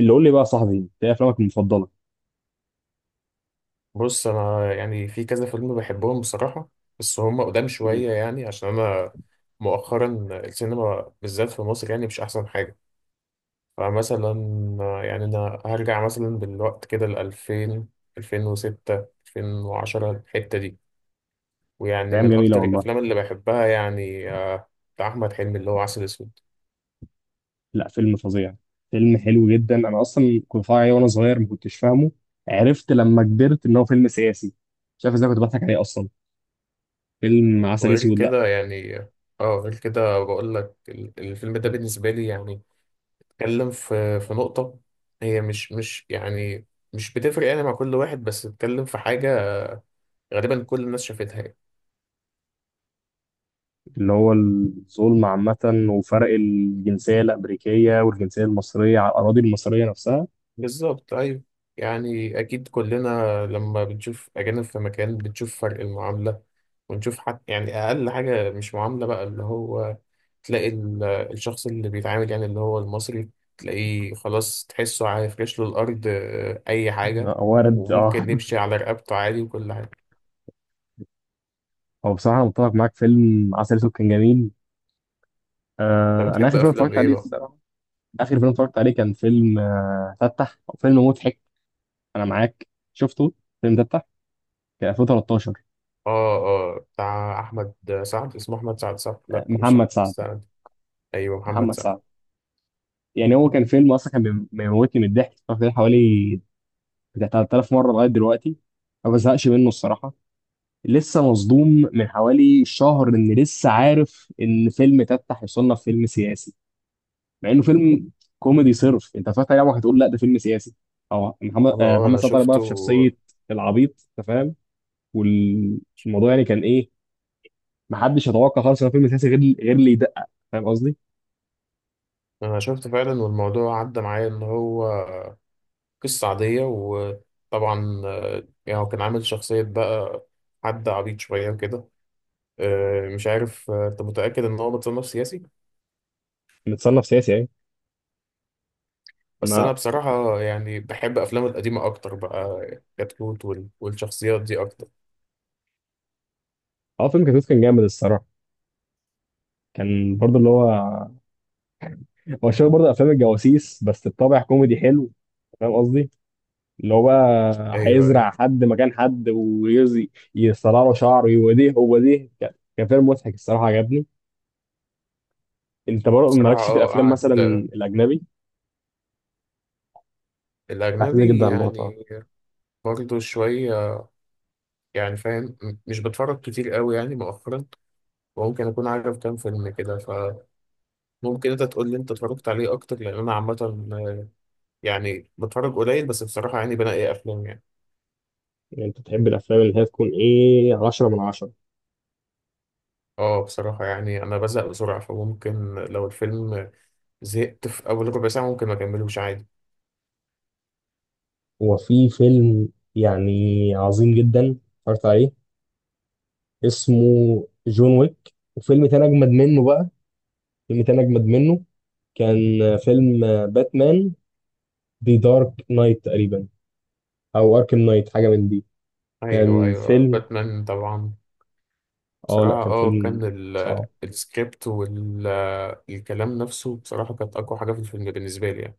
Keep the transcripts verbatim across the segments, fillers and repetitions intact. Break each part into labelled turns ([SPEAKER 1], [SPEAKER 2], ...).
[SPEAKER 1] اللي قول لي بقى يا صاحبي، انت ايه افلامك المفضله؟
[SPEAKER 2] بص، انا يعني في كذا فيلم بحبهم بصراحه. بس هم قدام
[SPEAKER 1] مم.
[SPEAKER 2] شويه، يعني عشان انا مؤخرا السينما بالذات في مصر يعني مش احسن حاجه. فمثلا، يعني انا هرجع مثلا بالوقت كده ل ألفين، ألفين وستة، ألفين وعشرة، الحته دي. ويعني
[SPEAKER 1] ايام
[SPEAKER 2] من
[SPEAKER 1] جميله
[SPEAKER 2] اكتر
[SPEAKER 1] والله.
[SPEAKER 2] الافلام اللي بحبها يعني آه، بتاع احمد حلمي اللي هو عسل اسود.
[SPEAKER 1] لا، فيلم فظيع. فيلم حلو جدا، انا اصلا كنت بتفرج عليه وانا صغير ما كنتش فاهمه. عرفت لما كبرت ان هو فيلم سياسي. مش عارف ازاي كنت بضحك عليه اصلا. فيلم عسل
[SPEAKER 2] وغير
[SPEAKER 1] اسود، لا
[SPEAKER 2] كده يعني اه غير كده بقول لك ال- الفيلم ده بالنسبه لي، يعني اتكلم في في نقطة هي مش مش يعني مش بتفرق يعني مع كل واحد، بس اتكلم في حاجة غالبا كل الناس شافتها يعني.
[SPEAKER 1] اللي هو الظلم عامه، وفرق الجنسيه الامريكيه والجنسيه المصريه على الاراضي المصريه نفسها.
[SPEAKER 2] بالظبط، أيوة. يعني أكيد كلنا لما بنشوف أجانب في مكان بنشوف فرق المعاملة، ونشوف حتى يعني أقل حاجة مش معاملة بقى. اللي هو تلاقي ال- الشخص اللي بيتعامل، يعني اللي هو المصري، تلاقيه خلاص، تحسه هيفرش له الأرض، آه، أي حاجة.
[SPEAKER 1] آه، وارد اه.
[SPEAKER 2] وممكن نمشي على رقبته عادي وكل حاجة.
[SPEAKER 1] هو بصراحه متفق معاك، فيلم عسل اسود كان جميل.
[SPEAKER 2] أنت
[SPEAKER 1] آه، انا
[SPEAKER 2] بتحب
[SPEAKER 1] اخر فيلم
[SPEAKER 2] أفلام
[SPEAKER 1] اتفرجت
[SPEAKER 2] إيه
[SPEAKER 1] عليه
[SPEAKER 2] بقى؟
[SPEAKER 1] الصراحه، اخر فيلم اتفرجت عليه كان فيلم، آه فتح، فيلم مضحك. انا معاك. شفته الفيلم ده بتاع، كان ألفين وتلتاشر.
[SPEAKER 2] اه، اه، بتاع احمد سعد. اسمه احمد سعد، صح؟
[SPEAKER 1] آه،
[SPEAKER 2] لا، مش احمد
[SPEAKER 1] محمد سعد.
[SPEAKER 2] سعد. ايوه، محمد
[SPEAKER 1] محمد
[SPEAKER 2] سعد.
[SPEAKER 1] سعد. يعني هو كان فيلم اصلا، كان بيم- بيموتني من الضحك. اتفرجت عليه حوالي بتاع ثلاثة آلاف مره لغايه دلوقتي، ما بزهقش منه الصراحه. لسه مصدوم من حوالي شهر ان لسه عارف ان فيلم تفتح يصنف فيلم سياسي، مع انه فيلم كوميدي صرف. انت اتفرجت عليه عمرك هتقول لا ده فيلم سياسي. اه محمد،
[SPEAKER 2] انا
[SPEAKER 1] آه،
[SPEAKER 2] اه
[SPEAKER 1] محمد
[SPEAKER 2] انا
[SPEAKER 1] سعد طالع بقى
[SPEAKER 2] شفته.
[SPEAKER 1] في شخصيه العبيط، انت فاهم؟ والموضوع يعني كان ايه؟ ما حدش يتوقع خالص ان هو فيلم سياسي، غير غير اللي يدقق، فاهم قصدي؟
[SPEAKER 2] انا شفته فعلا، والموضوع عدى معايا ان هو قصه عاديه. وطبعا آه، يعني هو كان عامل شخصيه بقى، حد عبيط شويه وكده. آه، مش عارف، آه، انت متاكد ان هو متصنف سياسي؟
[SPEAKER 1] متصنف سياسي يعني.
[SPEAKER 2] بس
[SPEAKER 1] ما
[SPEAKER 2] انا بصراحه يعني بحب افلامه القديمه اكتر بقى. كتكوت وال- والشخصيات دي اكتر.
[SPEAKER 1] اه، فيلم كتكوت كان جامد الصراحه. كان برضه اللي هو، هو شبه برضه افلام الجواسيس بس بطابع كوميدي حلو. فاهم قصدي؟ اللي هو بقى
[SPEAKER 2] ايوه، ايوه.
[SPEAKER 1] هيزرع حد مكان حد، ويزي يصلع له شعره يوديه هو ديه. كان كان فيلم مضحك الصراحه، عجبني. انت برضه
[SPEAKER 2] بصراحه،
[SPEAKER 1] مالكش في
[SPEAKER 2] اه،
[SPEAKER 1] الافلام
[SPEAKER 2] قعد
[SPEAKER 1] مثلا
[SPEAKER 2] آه،
[SPEAKER 1] الاجنبي؟ بعتمد جدا
[SPEAKER 2] الاجنبي
[SPEAKER 1] على الموضوع ده.
[SPEAKER 2] يعني. برضه شوية، يعني فاهم، م- مش بتفرج كتير قوي يعني مؤخرا. وممكن أكون عارف كام فيلم كده. فممكن أنت تقول لي أنت اتفرجت عليه أكتر، لأن أنا عامة آه، يعني بتفرج قليل، بس بصراحة يعني بنقي أفلام يعني.
[SPEAKER 1] يعني انت بتحب الافلام اللي هي تكون ايه، عشرة من عشرة؟
[SPEAKER 2] أه، بصراحة يعني أنا بزهق بسرعة. فممكن لو الفيلم زهقت في أول ربع ساعة ممكن ما أكملوش عادي.
[SPEAKER 1] هو في فيلم يعني عظيم جدا اتفرجت عليه، اسمه جون ويك. وفيلم تاني أجمد منه بقى، فيلم تاني أجمد منه، كان آه، فيلم آه، باتمان، دي دارك نايت تقريبا، أو أركم نايت، حاجة من دي.
[SPEAKER 2] أيوه،
[SPEAKER 1] كان
[SPEAKER 2] أيوه،
[SPEAKER 1] فيلم،
[SPEAKER 2] باتمان طبعا.
[SPEAKER 1] آه لأ
[SPEAKER 2] بصراحة،
[SPEAKER 1] كان
[SPEAKER 2] أه، كان
[SPEAKER 1] فيلم
[SPEAKER 2] ال-
[SPEAKER 1] صعب.
[SPEAKER 2] السكريبت والكلام نفسه بصراحة كانت أقوى حاجة في الفيلم بالنسبة لي يعني.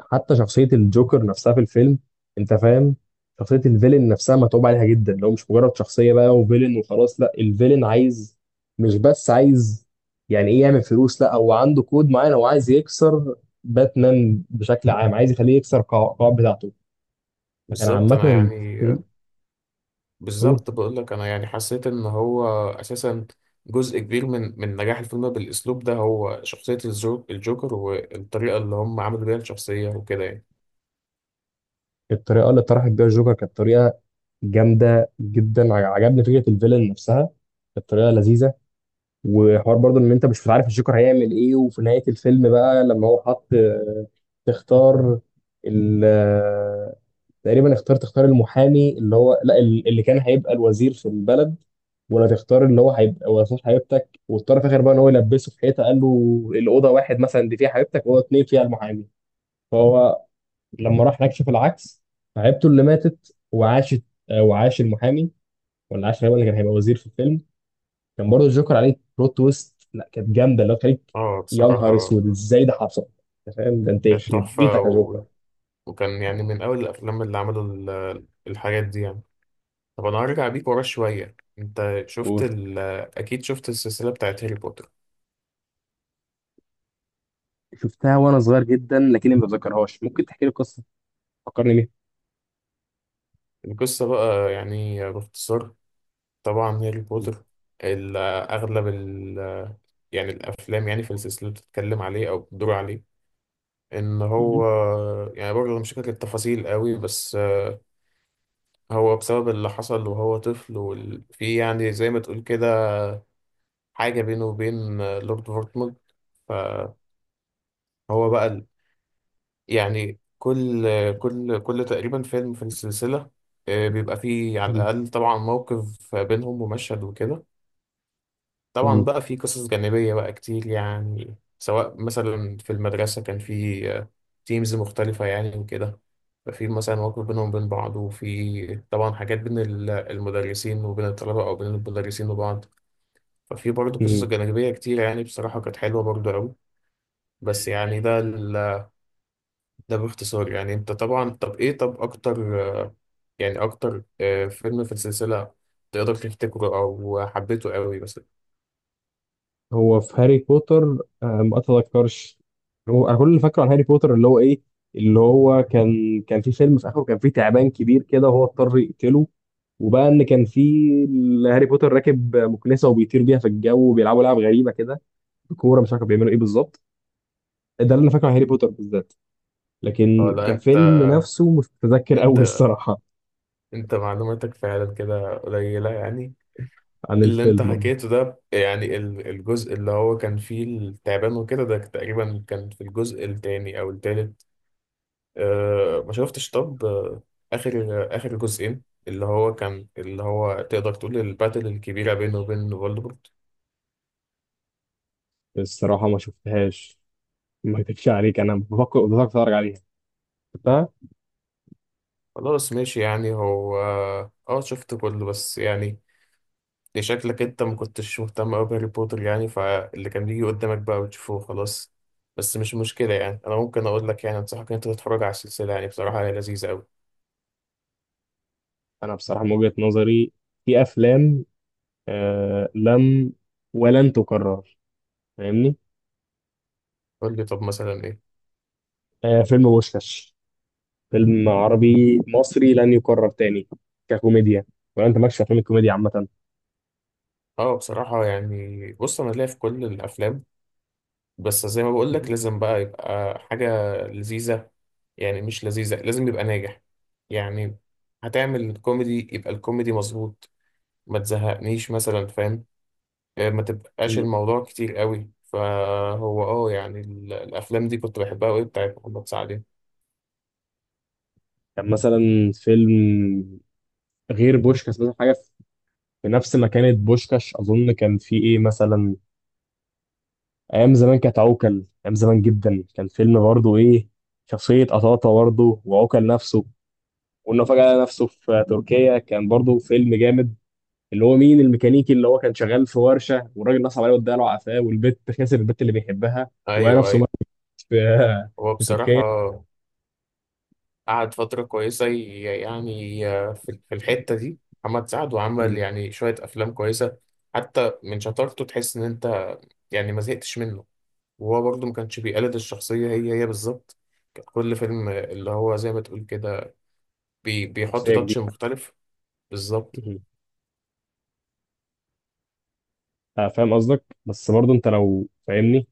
[SPEAKER 1] حتى شخصية الجوكر نفسها في الفيلم، أنت فاهم، شخصية الفيلن نفسها متعوب عليها جدا. لو مش مجرد شخصية بقى وفيلن وخلاص، لأ الفيلن عايز، مش بس عايز يعني إيه يعمل فلوس، لأ هو عنده كود معين هو عايز يكسر. باتمان بشكل عام، عايز يخليه يكسر القواعد بتاعته. كان
[SPEAKER 2] بالظبط،
[SPEAKER 1] عامة
[SPEAKER 2] أنا يعني،
[SPEAKER 1] الفيل، قول.
[SPEAKER 2] بالظبط بقول لك انا يعني حسيت ان هو اساسا جزء كبير من من نجاح الفيلم بالاسلوب ده هو شخصية الجو- الجوكر، والطريقة اللي هم عملوا بيها الشخصية وكده يعني.
[SPEAKER 1] الطريقة اللي طرحت بيها الجوكر كانت طريقة جامدة جدا. ع- عجبني فكرة الفيلن نفسها، كانت طريقة لذيذة. وحوار برضه ان انت مش عارف الجوكر هيعمل ايه. وفي نهاية الفيلم بقى، لما هو حط آه، تختار ال آه، تقريبا اختار، تختار المحامي اللي هو لا ال- اللي كان هيبقى الوزير في البلد، ولا تختار اللي هو هيبقى وزير حبيبتك. واضطر في الاخر بقى ان هو يلبسه في حيطه، قال له الاوضه واحد مثلا دي فيها حبيبتك، واوضه اتنين فيها المحامي. فهو لما راح هناك شاف العكس، فعيبته اللي ماتت وعاشت، آه، وعاش المحامي، ولا عاش غالبا اللي كان هيبقى وزير في الفيلم. كان برضه الجوكر عليه بلوت تويست، لا كانت جامده اللي هو تخليك
[SPEAKER 2] اه،
[SPEAKER 1] يا نهار
[SPEAKER 2] بصراحة
[SPEAKER 1] اسود ازاي ده حصل. انت فاهم؟ ده انت
[SPEAKER 2] كانت
[SPEAKER 1] يخرب
[SPEAKER 2] تحفة
[SPEAKER 1] بيتك يا
[SPEAKER 2] و...
[SPEAKER 1] جوكر.
[SPEAKER 2] وكان يعني من اول الافلام اللي عملوا ال- الحاجات دي يعني. طب انا هرجع بيك ورا شوية. انت شفت
[SPEAKER 1] قول.
[SPEAKER 2] ال... اكيد شفت السلسلة بتاعت هاري بوتر؟
[SPEAKER 1] شفتها وانا صغير جدا، لكني ما بتذكرهاش. ممكن تحكي لي القصه، فكرني بيها.
[SPEAKER 2] القصة بقى يعني باختصار. طبعا هاري بوتر، ال- اغلب يعني الافلام يعني في السلسله بتتكلم عليه او بتدور عليه. ان هو
[SPEAKER 1] مم.
[SPEAKER 2] يعني، برضه مش فاكر التفاصيل قوي، بس هو بسبب اللي حصل وهو طفل، وفي يعني زي ما تقول كده حاجه بينه وبين لورد فورتموند. فهو بقى ال- يعني كل كل كل تقريبا فيلم في السلسله آه، بيبقى فيه على الاقل طبعا موقف بينهم ومشهد وكده. طبعا
[SPEAKER 1] مم.
[SPEAKER 2] بقى في قصص جانبية بقى كتير، يعني سواء مثلا في المدرسة كان في تيمز مختلفة يعني وكده. ففي مثلا مواقف بينهم وبين بعض، وفي طبعا حاجات بين ال- المدرسين وبين الطلبة، أو بين المدرسين وبعض. ففي برضه قصص
[SPEAKER 1] مم.
[SPEAKER 2] جانبية كتير، يعني بصراحة كانت حلوة برضه أوي. بس يعني ده ال- ده باختصار يعني. أنت طبعا طب إيه، طب أكتر آه، يعني أكتر آه، فيلم في السلسلة تقدر تفتكره أو حبيته أوي مثلا؟
[SPEAKER 1] هو في هاري بوتر آه، ما اتذكرش. هو انا كل اللي فاكره عن هاري بوتر اللي هو ايه، اللي هو كان، كان في فيلم في اخره كان في تعبان كبير كده، وهو اضطر يقتله. وبقى ان كان في ال- هاري بوتر راكب مكنسه وبيطير بيها في الجو، وبيلعبوا لعب غريبه كده بكوره، مش عارف كانوا بيعملوا ايه بالظبط. ده اللي انا فاكره عن هاري بوتر بالذات، لكن
[SPEAKER 2] ولا أنت،
[SPEAKER 1] كفيلم نفسه مش متذكر قوي
[SPEAKER 2] انت
[SPEAKER 1] الصراحه.
[SPEAKER 2] انت معلوماتك فعلا كده قليلة يعني.
[SPEAKER 1] عن
[SPEAKER 2] اللي انت
[SPEAKER 1] الفيلم آه،
[SPEAKER 2] حكيته ده يعني ال- الجزء اللي هو كان فيه التعبان وكده، ده تقريبا كان في الجزء التاني او التالت. اه، ما شفتش طب آه، اخر اخر جزئين اللي هو كان، اللي هو تقدر تقول الباتل الكبيرة بينه وبين فولدمورت.
[SPEAKER 1] الصراحه ما شفتهاش. ما اكدبش عليك، انا بفكر بفكر اتفرج عليها.
[SPEAKER 2] خلاص، ماشي. يعني هو اه شفت كله بس يعني دي شكلك انت ما كنتش مهتم قوي بهاري بوتر يعني، فاللي كان بيجي قدامك بقى بتشوفه خلاص. بس مش مشكلة يعني، انا ممكن اقول لك، يعني انصحك ان انت تتفرج على السلسلة. يعني بصراحة هي لذيذة قوي.
[SPEAKER 1] انا بصراحه من وجهه نظري، في افلام آه لم ولن تكرر، فاهمني؟
[SPEAKER 2] قول لي طب مثلا ايه.
[SPEAKER 1] آه فيلم بوشكاش، فيلم عربي مصري لن يكرر تاني ككوميديا. ولا انت مالكش في افلام الكوميديا عامه؟
[SPEAKER 2] اه، بصراحة يعني بص، انا ليا في كل الافلام، بس زي ما بقول لك لازم بقى يبقى حاجة لذيذة. يعني مش لذيذة، لازم يبقى ناجح. يعني هتعمل كوميدي يبقى الكوميدي مظبوط، ما تزهقنيش مثلا، فاهم؟ آه، ما تبقاش
[SPEAKER 1] مم.
[SPEAKER 2] الموضوع كتير قوي. فهو اه يعني ال- الافلام دي كنت بحبها قوي بتاعت محمد سعد.
[SPEAKER 1] كان مثلا فيلم، غير بوشكاش مثلا حاجه في نفس مكانة بوشكاش، اظن كان في ايه مثلا، ايام زمان كانت عوكل. ايام زمان جدا، كان فيلم برضه ايه، شخصيه قطاطه برضه، وعوكل نفسه، وانه فجاه لقى نفسه في تركيا. كان برضه فيلم جامد، اللي هو مين الميكانيكي اللي هو كان شغال في ورشه، والراجل نصب عليه واداله عفاه، والبت خسر البت اللي بيحبها، وهي
[SPEAKER 2] ايوه
[SPEAKER 1] نفسه
[SPEAKER 2] ايوه.
[SPEAKER 1] مات في
[SPEAKER 2] هو
[SPEAKER 1] في
[SPEAKER 2] بصراحه
[SPEAKER 1] تركيا.
[SPEAKER 2] قعد فتره كويسه، ي- يعني آه، في في الحته دي محمد سعد، وعمل
[SPEAKER 1] مم.
[SPEAKER 2] يعني شويه افلام كويسه. حتى من شطارته تحس ان انت يعني ما زهقتش منه. وهو برضه ما كانش بيقلد الشخصيه هي هي بالظبط. كان كل فيلم اللي هو زي ما تقول كده بي بيحط
[SPEAKER 1] شخصيه
[SPEAKER 2] تاتش
[SPEAKER 1] جديده.
[SPEAKER 2] مختلف. بالظبط.
[SPEAKER 1] مم. آه، فاهم قصدك، بس برضه انت لو فاهمني،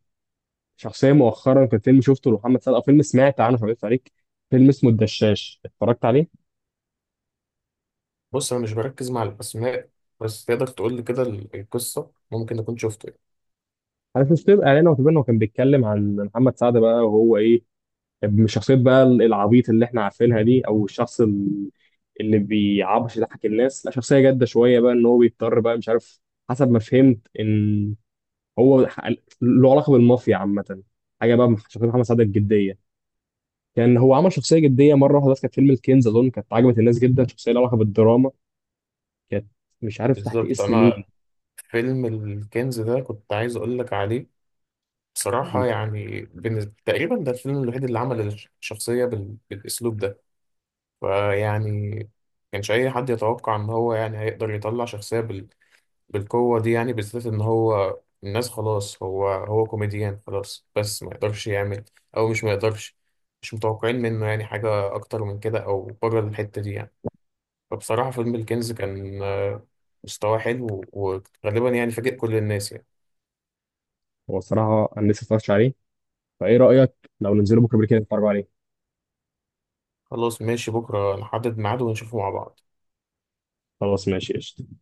[SPEAKER 1] شخصيه مؤخرا كان فيلم شفته لمحمد سعد، او فيلم سمعت عنه مش عارف عليك، فيلم اسمه الدشاش، اتفرجت عليه؟
[SPEAKER 2] بص انا مش بركز مع الاسماء، بس تقدر تقول لي كده ال- القصه ممكن اكون شفته يعني.
[SPEAKER 1] عارف مش تبقى اعلان، او تبقى انه كان بيتكلم عن محمد سعد بقى وهو ايه، مش شخصية بقى العبيط اللي احنا عارفينها دي، او الشخص ال- اللي بيعبش يضحك الناس، لا شخصية جادة شوية بقى، ان هو بيضطر بقى، مش عارف، حسب ما فهمت ان هو ح- له علاقة بالمافيا عامة. حاجة بقى مح- شخصية محمد سعد الجدية. كان هو عمل شخصية جدية مرة واحدة بس، كانت فيلم الكنز أظن، كانت عجبت الناس جدا، شخصية لها علاقة بالدراما كانت، مش عارف تحت
[SPEAKER 2] بالظبط.
[SPEAKER 1] اسم مين.
[SPEAKER 2] انا فيلم الكنز ده كنت عايز اقول لك عليه. بصراحه يعني بالنسبة تقريبا ده الفيلم الوحيد اللي عمل الش- الشخصيه بال... بالاسلوب ده. فيعني كانش اي حد يتوقع ان هو يعني هيقدر يطلع شخصيه بال... بالقوه دي، يعني بالذات ان هو الناس خلاص، هو هو كوميديان خلاص، بس ما يقدرش يعمل، او مش ما يقدرش، مش متوقعين منه يعني حاجه اكتر من كده او بره الحته دي يعني. فبصراحة فيلم الكنز كان آه، مستواه حلو، وغالبا يعني فاجئ كل الناس يعني.
[SPEAKER 1] هو الصراحة أنا لسه متفرجتش عليه، فإيه رأيك لو ننزله بكرة بالليل كده نتفرج عليه؟
[SPEAKER 2] خلاص ماشي، بكرة نحدد ميعاد ونشوفه مع بعض.
[SPEAKER 1] خلاص ماشي قشطة.